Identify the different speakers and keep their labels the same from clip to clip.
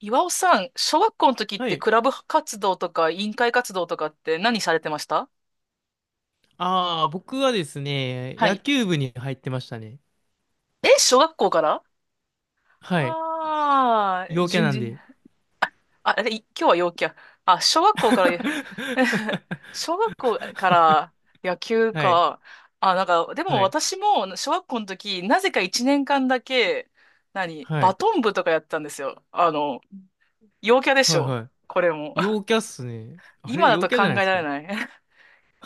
Speaker 1: 岩尾さん、小学校の時っ
Speaker 2: は
Speaker 1: て
Speaker 2: い。
Speaker 1: クラブ活動とか委員会活動とかって何されてました
Speaker 2: 僕はですね、
Speaker 1: は
Speaker 2: 野
Speaker 1: い。
Speaker 2: 球部に入ってましたね。
Speaker 1: え、小学校から？
Speaker 2: はい。
Speaker 1: ああー、
Speaker 2: 陽キャ
Speaker 1: 順
Speaker 2: なん
Speaker 1: 次。
Speaker 2: で。
Speaker 1: あ、あれ、今日は陽キャ。あ、小学校から、小学校から野球
Speaker 2: はい。
Speaker 1: か。あ、なんか、でも
Speaker 2: はい。
Speaker 1: 私も小学校の時、なぜか1年間だけ、何、
Speaker 2: は
Speaker 1: バ
Speaker 2: い。
Speaker 1: トン部とかやってたんですよ。あの、陽キャでし
Speaker 2: はい。
Speaker 1: ょ、
Speaker 2: は
Speaker 1: これも。
Speaker 2: い。陽キャっすね。あれ
Speaker 1: 今だ
Speaker 2: 陽
Speaker 1: と
Speaker 2: キャじ
Speaker 1: 考
Speaker 2: ゃ
Speaker 1: え
Speaker 2: ないです
Speaker 1: られ
Speaker 2: か？
Speaker 1: ない。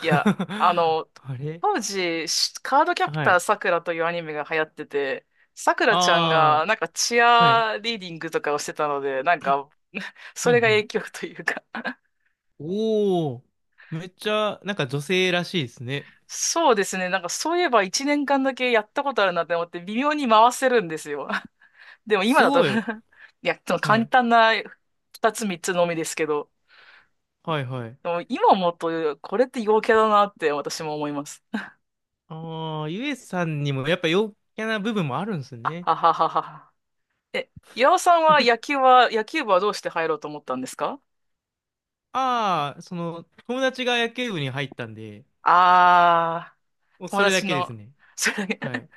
Speaker 1: いや、あ の、
Speaker 2: あれ
Speaker 1: 当時、カードキャプ
Speaker 2: は
Speaker 1: ター
Speaker 2: い。
Speaker 1: さくらというアニメが流行ってて、さくらちゃん
Speaker 2: あ
Speaker 1: がなんかチ
Speaker 2: はい。
Speaker 1: アリーディングとかをしてたので、なんか
Speaker 2: う
Speaker 1: それが影
Speaker 2: ん
Speaker 1: 響というか。
Speaker 2: うん。おー。めっちゃ、女性らしいですね。
Speaker 1: そうですね、なんかそういえば1年間だけやったことあるなって思って微妙に回せるんですよ。でも今
Speaker 2: す
Speaker 1: だと、
Speaker 2: ごい。
Speaker 1: いや、その
Speaker 2: は
Speaker 1: 簡
Speaker 2: い。
Speaker 1: 単な2つ3つのみですけど、
Speaker 2: はいはい。
Speaker 1: でも今思うとこれって陽キャだなって私も思います。
Speaker 2: ああ、ゆえさんにもやっぱ陽キャな部分もあるんです
Speaker 1: あ
Speaker 2: ね。
Speaker 1: はははは。え、岩尾さんは野球は、野球部はどうして入ろうと思ったんですか？
Speaker 2: その、友達が野球部に入ったんで、
Speaker 1: ああ
Speaker 2: もう
Speaker 1: ー、友
Speaker 2: それだ
Speaker 1: 達
Speaker 2: けで
Speaker 1: の、
Speaker 2: すね。
Speaker 1: それだけ。
Speaker 2: は い。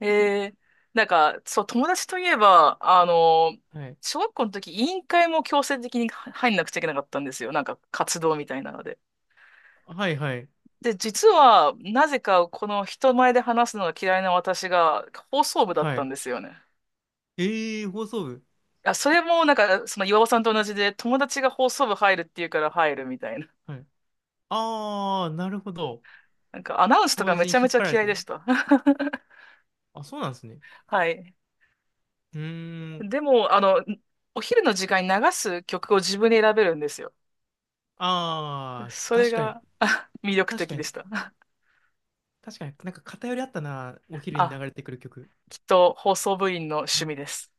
Speaker 1: えー、なんか、そう、友達といえば、あの、
Speaker 2: はい。
Speaker 1: 小学校の時、委員会も強制的に入んなくちゃいけなかったんですよ。なんか、活動みたいなので。
Speaker 2: はい、はい。
Speaker 1: で、実は、なぜか、この人前で話すのが嫌いな私が、放送部だっ
Speaker 2: は
Speaker 1: たん
Speaker 2: い。
Speaker 1: ですよね。
Speaker 2: ええー放送部。
Speaker 1: あ、それも、なんか、その岩尾さんと同じで、友達が放送部入るっていうから入るみたいな。
Speaker 2: はい。ああ、なるほど。
Speaker 1: なんかアナウンスと
Speaker 2: 友
Speaker 1: かめ
Speaker 2: 達に
Speaker 1: ちゃめ
Speaker 2: 引っ
Speaker 1: ちゃ
Speaker 2: 張られ
Speaker 1: 嫌い
Speaker 2: て
Speaker 1: で
Speaker 2: ね。
Speaker 1: した。
Speaker 2: あ、そうなんですね。
Speaker 1: はい。
Speaker 2: うーん。
Speaker 1: でも、あの、お昼の時間に流す曲を自分で選べるんですよ。
Speaker 2: ああ、
Speaker 1: それ
Speaker 2: 確かに。
Speaker 1: が魅力
Speaker 2: 確
Speaker 1: 的
Speaker 2: か
Speaker 1: で
Speaker 2: に。
Speaker 1: した。
Speaker 2: 確かに。なんか偏りあったな。お昼に流
Speaker 1: あ、
Speaker 2: れてくる曲。
Speaker 1: きっと放送部員の
Speaker 2: は
Speaker 1: 趣
Speaker 2: い。
Speaker 1: 味です。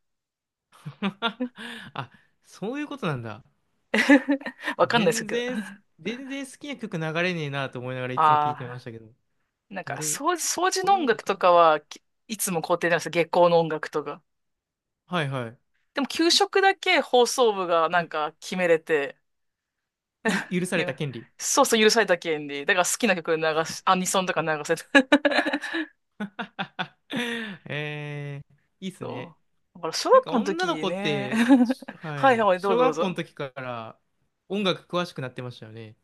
Speaker 2: あ、そういうことなんだ。
Speaker 1: わかんないですけど。
Speaker 2: 全然好きな曲流れねえなと思いながらいつも聞いて
Speaker 1: ああ、
Speaker 2: ましたけど。
Speaker 1: なんか
Speaker 2: 誰、
Speaker 1: 掃除、掃除
Speaker 2: そう
Speaker 1: の
Speaker 2: いう
Speaker 1: 音
Speaker 2: こと
Speaker 1: 楽と
Speaker 2: か。
Speaker 1: かは、いつも校庭なんですよ。下校の音楽とか。
Speaker 2: はいはい。
Speaker 1: でも給食だけ放送部がなんか決めれて、
Speaker 2: 許さ
Speaker 1: い
Speaker 2: れた
Speaker 1: や、
Speaker 2: 権利。
Speaker 1: そうそう許された権利。だから好きな曲流し、アニソンとか流せて。
Speaker 2: えー、いいっすね。
Speaker 1: そう。だから小
Speaker 2: なん
Speaker 1: 学
Speaker 2: か
Speaker 1: 校の
Speaker 2: 女の
Speaker 1: 時
Speaker 2: 子っ
Speaker 1: ね。
Speaker 2: て、は
Speaker 1: はい
Speaker 2: い、
Speaker 1: はい、どう
Speaker 2: 小
Speaker 1: ぞどう
Speaker 2: 学校の
Speaker 1: ぞ。
Speaker 2: 時から音楽詳しくなってましたよね。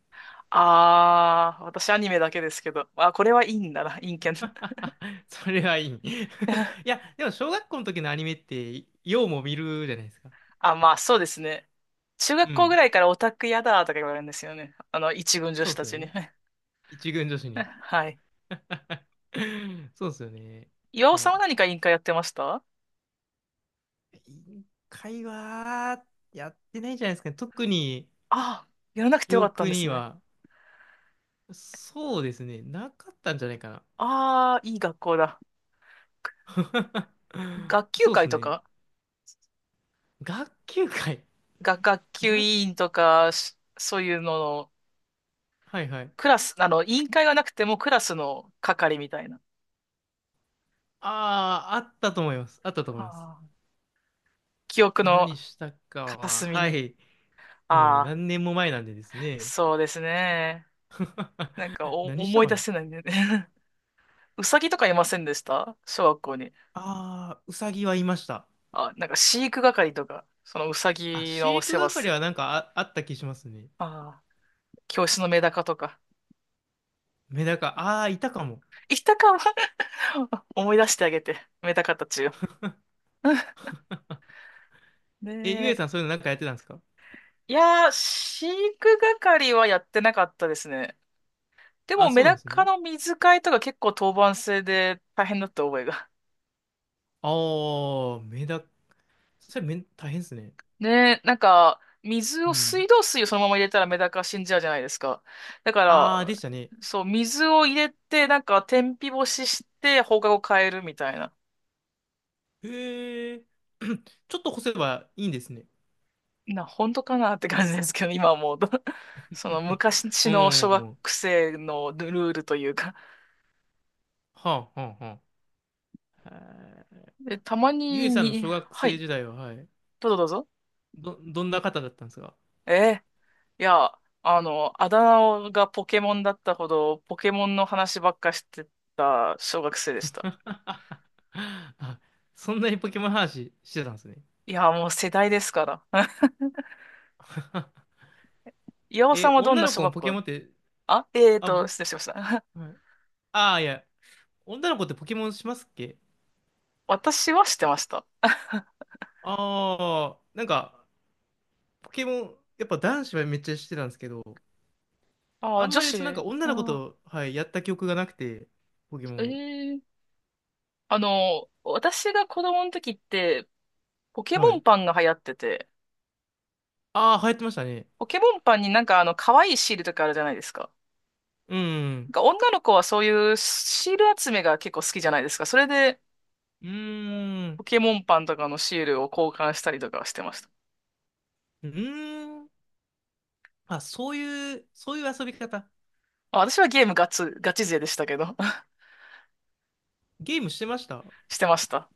Speaker 1: あー、私アニメだけですけど。あ、これはいいんだな、陰キャな。
Speaker 2: それはいい。い や、でも小学校の時のアニメって、ようも見るじゃないですか。
Speaker 1: あ、まあそうですね。中
Speaker 2: う
Speaker 1: 学校ぐ
Speaker 2: ん。
Speaker 1: らいからオタクやだとか言われるんですよね。あの、一軍女
Speaker 2: そ
Speaker 1: 子
Speaker 2: うっ
Speaker 1: た
Speaker 2: すよ
Speaker 1: ちに。
Speaker 2: ね。一軍女子に。
Speaker 1: はい。
Speaker 2: そうっすよね。
Speaker 1: 岩
Speaker 2: い
Speaker 1: 尾さん
Speaker 2: や、
Speaker 1: は何か委員会やってました
Speaker 2: 委員会はやってないんじゃないですかね。特に
Speaker 1: あ、やらなくて
Speaker 2: 記
Speaker 1: よかったん
Speaker 2: 憶
Speaker 1: です
Speaker 2: に
Speaker 1: ね。
Speaker 2: は、そうですね。なかったんじゃないかな。
Speaker 1: ああ、いい学校だ。学級
Speaker 2: そうで
Speaker 1: 会
Speaker 2: す
Speaker 1: と
Speaker 2: ね。
Speaker 1: か、
Speaker 2: 学級会。
Speaker 1: 学級
Speaker 2: 学、
Speaker 1: 委員とか、そういうのの、
Speaker 2: はいはい。
Speaker 1: クラス、あの、委員会がなくてもクラスの係みたいな。
Speaker 2: ああ、あったと思います。あったと思
Speaker 1: あ
Speaker 2: います。
Speaker 1: ー、記憶の
Speaker 2: 何したか
Speaker 1: 片
Speaker 2: は、
Speaker 1: 隅
Speaker 2: は
Speaker 1: に。
Speaker 2: い。もう
Speaker 1: ああ、
Speaker 2: 何年も前なんでですね。
Speaker 1: そうですね。なんか お
Speaker 2: 何した
Speaker 1: 思い
Speaker 2: か
Speaker 1: 出
Speaker 2: な。
Speaker 1: せないんだよね。うさぎとかいませんでした、小学校に？
Speaker 2: ああうさぎはいました。
Speaker 1: あ、なんか飼育係とか、そのうさ
Speaker 2: あ、
Speaker 1: ぎの
Speaker 2: 飼
Speaker 1: お
Speaker 2: 育
Speaker 1: 世話
Speaker 2: 係
Speaker 1: す
Speaker 2: は
Speaker 1: る。
Speaker 2: なんかあった気しますね。
Speaker 1: ああ、教室のメダカとか。
Speaker 2: メダカ、ああ、いたかも。
Speaker 1: いたかも。 思い出してあげて、メダカたちを。ね
Speaker 2: え、ゆえさん
Speaker 1: え。
Speaker 2: そういうのなんかやってたんですか？
Speaker 1: いやー、飼育係はやってなかったですね。で
Speaker 2: あ、
Speaker 1: も
Speaker 2: そ
Speaker 1: メ
Speaker 2: うなん
Speaker 1: ダ
Speaker 2: です
Speaker 1: カ
Speaker 2: ね。
Speaker 1: の水替えとか結構当番制で大変だった覚えが。
Speaker 2: ああ、メダ、それめ大変ですね。
Speaker 1: ねえ、なんか、水
Speaker 2: う
Speaker 1: を、
Speaker 2: ん。
Speaker 1: 水道水をそのまま入れたらメダカ死んじゃうじゃないですか。だか
Speaker 2: ああ、でし
Speaker 1: ら、
Speaker 2: たね。
Speaker 1: そう、水を入れて、なんか、天日干しして、放課後変えるみたいな。
Speaker 2: へえ。ちょっと干せばいいんですね。
Speaker 1: 本当かなって感じですけど、今思うと。その昔
Speaker 2: う
Speaker 1: の小学
Speaker 2: ん。
Speaker 1: 生のルールというか。
Speaker 2: はあ、はあ、はあ。へえ。
Speaker 1: で、たま
Speaker 2: ゆ
Speaker 1: に、
Speaker 2: えさんの小学
Speaker 1: は
Speaker 2: 生
Speaker 1: い、
Speaker 2: 時代は、はい。
Speaker 1: どうぞどうぞ。
Speaker 2: ど、どんな方だったんですか？
Speaker 1: えーいや、あの、あだ名がポケモンだったほど、ポケモンの話ばっかしてた小学生でした。
Speaker 2: あ、そんなにポケモン話してたんですね。
Speaker 1: いや、もう世代ですから。岩尾さん
Speaker 2: え、
Speaker 1: はどん
Speaker 2: 女
Speaker 1: な
Speaker 2: の
Speaker 1: 小
Speaker 2: 子も
Speaker 1: 学
Speaker 2: ポケ
Speaker 1: 校？
Speaker 2: モンって、
Speaker 1: あ、えー
Speaker 2: あ、
Speaker 1: と、
Speaker 2: 僕、
Speaker 1: 失礼しました。
Speaker 2: はい、ああ、いや、女の子ってポケモンしますっけ？
Speaker 1: 私はしてました。
Speaker 2: ああ、なんか、ポケモン、やっぱ男子はめっちゃしてたんですけど、
Speaker 1: あ
Speaker 2: あ
Speaker 1: ー、
Speaker 2: ん
Speaker 1: 女
Speaker 2: まり
Speaker 1: 子。
Speaker 2: そのなんか
Speaker 1: あ
Speaker 2: 女の子
Speaker 1: ー、
Speaker 2: と、はい、やった記憶がなくて、ポケモ
Speaker 1: え
Speaker 2: ン。
Speaker 1: ー。あの、私が子供の時って、ポケ
Speaker 2: は
Speaker 1: モ
Speaker 2: い。
Speaker 1: ンパンが流行ってて、
Speaker 2: ああ、流行ってましたね。
Speaker 1: ポケモンパンになんかあの、可愛いシールとかあるじゃないですか。
Speaker 2: う
Speaker 1: なん
Speaker 2: ん。
Speaker 1: か女の子はそういうシール集めが結構好きじゃないですか。それで、
Speaker 2: うーん。
Speaker 1: ポケモンパンとかのシールを交換したりとかしてました。
Speaker 2: うーん。あ、そういう遊び方。
Speaker 1: あ、私はゲームガチ、ガチ勢でしたけど、
Speaker 2: ゲームしてました？
Speaker 1: してました。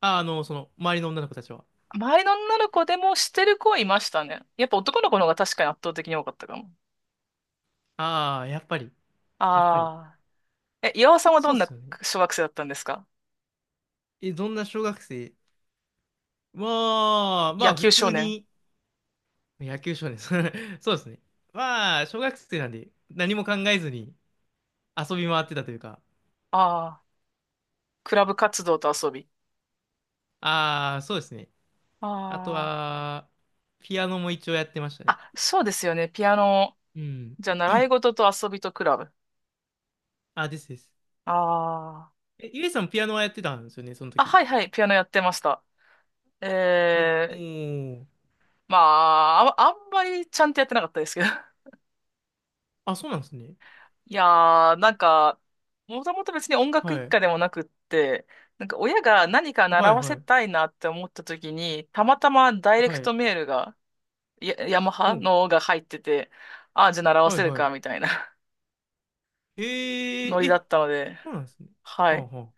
Speaker 2: あ、あの、その、周りの女の子たちは。
Speaker 1: 周りの女の子でもしてる子はいましたね。やっぱ男の子の方が確かに圧倒的に多かったかも。
Speaker 2: ああ、やっぱり、やっぱり。
Speaker 1: ああ。え、岩尾さんはど
Speaker 2: そうっ
Speaker 1: ん
Speaker 2: す
Speaker 1: な
Speaker 2: よね。
Speaker 1: 小学生だったんですか？
Speaker 2: え、どんな小学生。まあ、
Speaker 1: 野
Speaker 2: 普
Speaker 1: 球少
Speaker 2: 通
Speaker 1: 年。
Speaker 2: に、野球少年、そうですね。まあ、小学生なんで、何も考えずに遊び回ってたというか。
Speaker 1: ああ。クラブ活動と遊び。
Speaker 2: ああ、そうですね。あと
Speaker 1: あ
Speaker 2: は、ピアノも一応やってました
Speaker 1: あ。
Speaker 2: ね。
Speaker 1: あ、そうですよね。ピアノ。
Speaker 2: うん。
Speaker 1: じゃあ、習い事と遊びとクラブ。
Speaker 2: あ、ですです。
Speaker 1: ああ。
Speaker 2: え、ゆえさんピアノはやってたんですよね、その
Speaker 1: あ、
Speaker 2: 時。
Speaker 1: はいはい。ピアノやってました。
Speaker 2: おお
Speaker 1: ええ、
Speaker 2: ー。
Speaker 1: まあ、あ、あんまりちゃんとやってなかったですけど。
Speaker 2: あ、そうなんですね。
Speaker 1: いやー、なんか、もともと別に音楽
Speaker 2: は
Speaker 1: 一
Speaker 2: い。
Speaker 1: 家でもなくって、なんか親が何か
Speaker 2: は
Speaker 1: 習
Speaker 2: い
Speaker 1: わせ
Speaker 2: は
Speaker 1: た
Speaker 2: い。
Speaker 1: いなって思った時に、たまたまダイレ
Speaker 2: は
Speaker 1: クト
Speaker 2: い。
Speaker 1: メールが、ヤマ
Speaker 2: う
Speaker 1: ハ
Speaker 2: ん。
Speaker 1: のが入ってて、ああ、じゃあ習わ
Speaker 2: はい
Speaker 1: せる
Speaker 2: は
Speaker 1: か、み
Speaker 2: い。
Speaker 1: たいな、
Speaker 2: え
Speaker 1: ノ
Speaker 2: ー、
Speaker 1: リだ
Speaker 2: え、
Speaker 1: ったので、
Speaker 2: そうなんですね。
Speaker 1: は
Speaker 2: はあ
Speaker 1: い。
Speaker 2: はあ。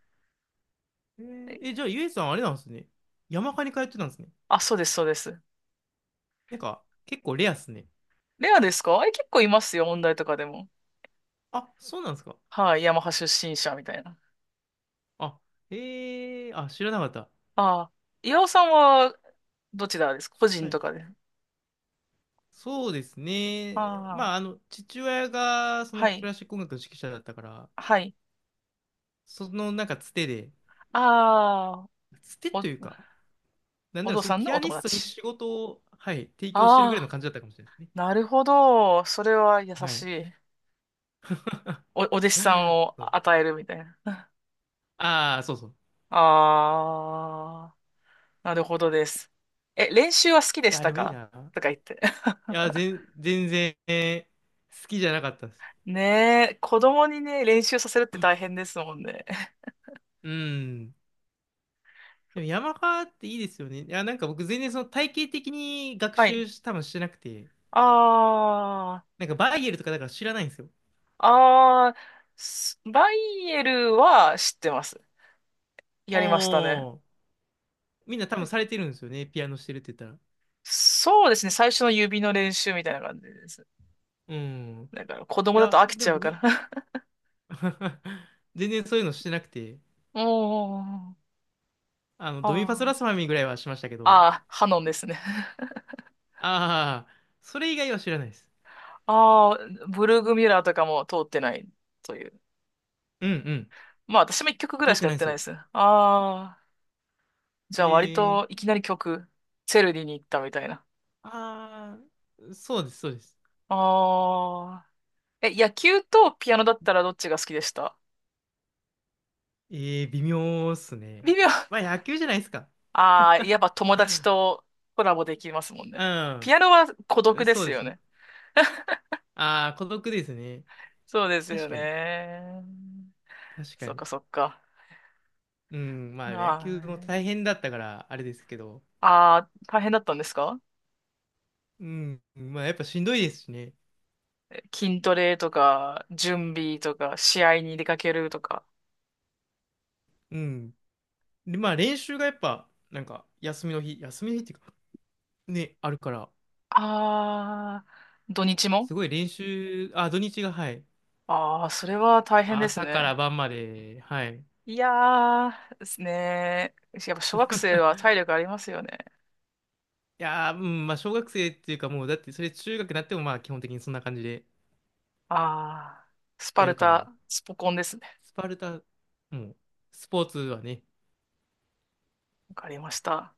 Speaker 2: じゃあゆえさんあれなんですね。山科に通ってたんですね。
Speaker 1: あ、そうです、そうです。
Speaker 2: なんか、結構レアっすね。
Speaker 1: レアですか？え、結構いますよ、音大とかでも。
Speaker 2: あ、そうなんですか。
Speaker 1: はい、ヤマハ出身者みたいな。
Speaker 2: あ、あ、知らなかった。
Speaker 1: ああ、岩尾さんはどちらですか、個
Speaker 2: は
Speaker 1: 人
Speaker 2: い。
Speaker 1: とかで？
Speaker 2: そうですね。
Speaker 1: あ
Speaker 2: まあ、あ
Speaker 1: あ、
Speaker 2: の、父親がそ
Speaker 1: は
Speaker 2: のク
Speaker 1: い、
Speaker 2: ラシック音楽の指揮者だったから、
Speaker 1: はい。
Speaker 2: そのなんかつてで、
Speaker 1: ああ、
Speaker 2: つてと
Speaker 1: お
Speaker 2: いうか、なん
Speaker 1: お
Speaker 2: なら
Speaker 1: 父
Speaker 2: その
Speaker 1: さん
Speaker 2: ピ
Speaker 1: の
Speaker 2: ア
Speaker 1: お
Speaker 2: ニ
Speaker 1: 友
Speaker 2: ストに
Speaker 1: 達。
Speaker 2: 仕事を、はい、提供してるぐらいの
Speaker 1: ああ、
Speaker 2: 感じだったかもしれないですね。
Speaker 1: なるほど。それは優
Speaker 2: は
Speaker 1: し
Speaker 2: い。
Speaker 1: い。
Speaker 2: そう
Speaker 1: お弟子さんを
Speaker 2: そう。
Speaker 1: 与えるみたいな。
Speaker 2: ああ、そうそう。
Speaker 1: ああ、なるほどです。え、練習は好きで
Speaker 2: い
Speaker 1: し
Speaker 2: や、
Speaker 1: た
Speaker 2: でもいい
Speaker 1: か、
Speaker 2: な。
Speaker 1: とか言って。
Speaker 2: い や、全然、えー好きじゃなかったです。
Speaker 1: ねえ、子供にね、練習させるって大変ですもんね。
Speaker 2: うん。でも山科っていいですよね。いや、なんか僕全然その体系的に学
Speaker 1: はい。
Speaker 2: 習し、多分してなくて、
Speaker 1: あ
Speaker 2: なんかバイエルとかだから知らないんですよ。
Speaker 1: あ、ああ、バイエルは知ってます。や
Speaker 2: あ
Speaker 1: りましたね。
Speaker 2: あ、みんな多分されてるんですよね。ピアノしてるって言ったら。
Speaker 1: そうですね、最初の指の練習みたいな感じです。
Speaker 2: うん。
Speaker 1: だ
Speaker 2: い
Speaker 1: から子供だと
Speaker 2: や、
Speaker 1: 飽き
Speaker 2: で
Speaker 1: ち
Speaker 2: も
Speaker 1: ゃうか
Speaker 2: 僕
Speaker 1: ら。
Speaker 2: 全然そういうのしてなくて。
Speaker 1: おー、
Speaker 2: あの、ドミパス
Speaker 1: あ
Speaker 2: ラス
Speaker 1: あ、
Speaker 2: ファミぐらいはしましたけど、
Speaker 1: ああハノンですね。
Speaker 2: ああ、それ以外は知らないです。
Speaker 1: ああ、ブルーグミュラーとかも通ってないという。
Speaker 2: うんうん。
Speaker 1: まあ私も一曲ぐら
Speaker 2: 通
Speaker 1: い
Speaker 2: っ
Speaker 1: し
Speaker 2: て
Speaker 1: かや
Speaker 2: な
Speaker 1: っ
Speaker 2: いんで
Speaker 1: て
Speaker 2: す
Speaker 1: ないで
Speaker 2: よ。
Speaker 1: すね。ああ、じゃあ割
Speaker 2: え
Speaker 1: とい
Speaker 2: え、
Speaker 1: きなり曲、チェルディに行ったみたいな。
Speaker 2: ああー、そうです、そうです。
Speaker 1: ああ、え、野球とピアノだったらどっちが好きでした？
Speaker 2: ええ微妙っすね。
Speaker 1: 微妙。
Speaker 2: まあ、野球じゃないですか。
Speaker 1: ああ、やっぱ友達 とコラボできますもんね。ピアノは
Speaker 2: う
Speaker 1: 孤独
Speaker 2: ん、
Speaker 1: で
Speaker 2: そう
Speaker 1: す
Speaker 2: です
Speaker 1: よ
Speaker 2: ね。
Speaker 1: ね。
Speaker 2: ああ、孤独ですね。
Speaker 1: そうですよ
Speaker 2: 確かに、
Speaker 1: ね。
Speaker 2: 確か
Speaker 1: そっ
Speaker 2: に。
Speaker 1: かそっか。
Speaker 2: うん、まあ、野球も大
Speaker 1: あ
Speaker 2: 変だったから、あれですけど、
Speaker 1: あ、あー大変だったんですか？
Speaker 2: うん、まあ、やっぱしんどいですしね。
Speaker 1: 筋トレとか、準備とか、試合に出かけるとか。
Speaker 2: うん。で、まあ、練習がやっぱ、なんか、休みの日っていうか、ね、あるから、
Speaker 1: あー、土日も？
Speaker 2: すごい練習、あ、土日が、はい。
Speaker 1: ああー、それは大
Speaker 2: ま
Speaker 1: 変
Speaker 2: あ
Speaker 1: です
Speaker 2: 朝か
Speaker 1: ね。
Speaker 2: ら晩まで、はい。
Speaker 1: いやー、ですね。やっぱ小学生は体 力ありますよね。
Speaker 2: いやー、うん、まあ、小学生っていうか、もう、だって、それ中学になっても、まあ、基本的にそんな感じで
Speaker 1: あー、スパ
Speaker 2: や
Speaker 1: ル
Speaker 2: るか
Speaker 1: タ、
Speaker 2: ら、
Speaker 1: スポコンですね。
Speaker 2: スパルタ、もう、スポーツはね、
Speaker 1: わかりました。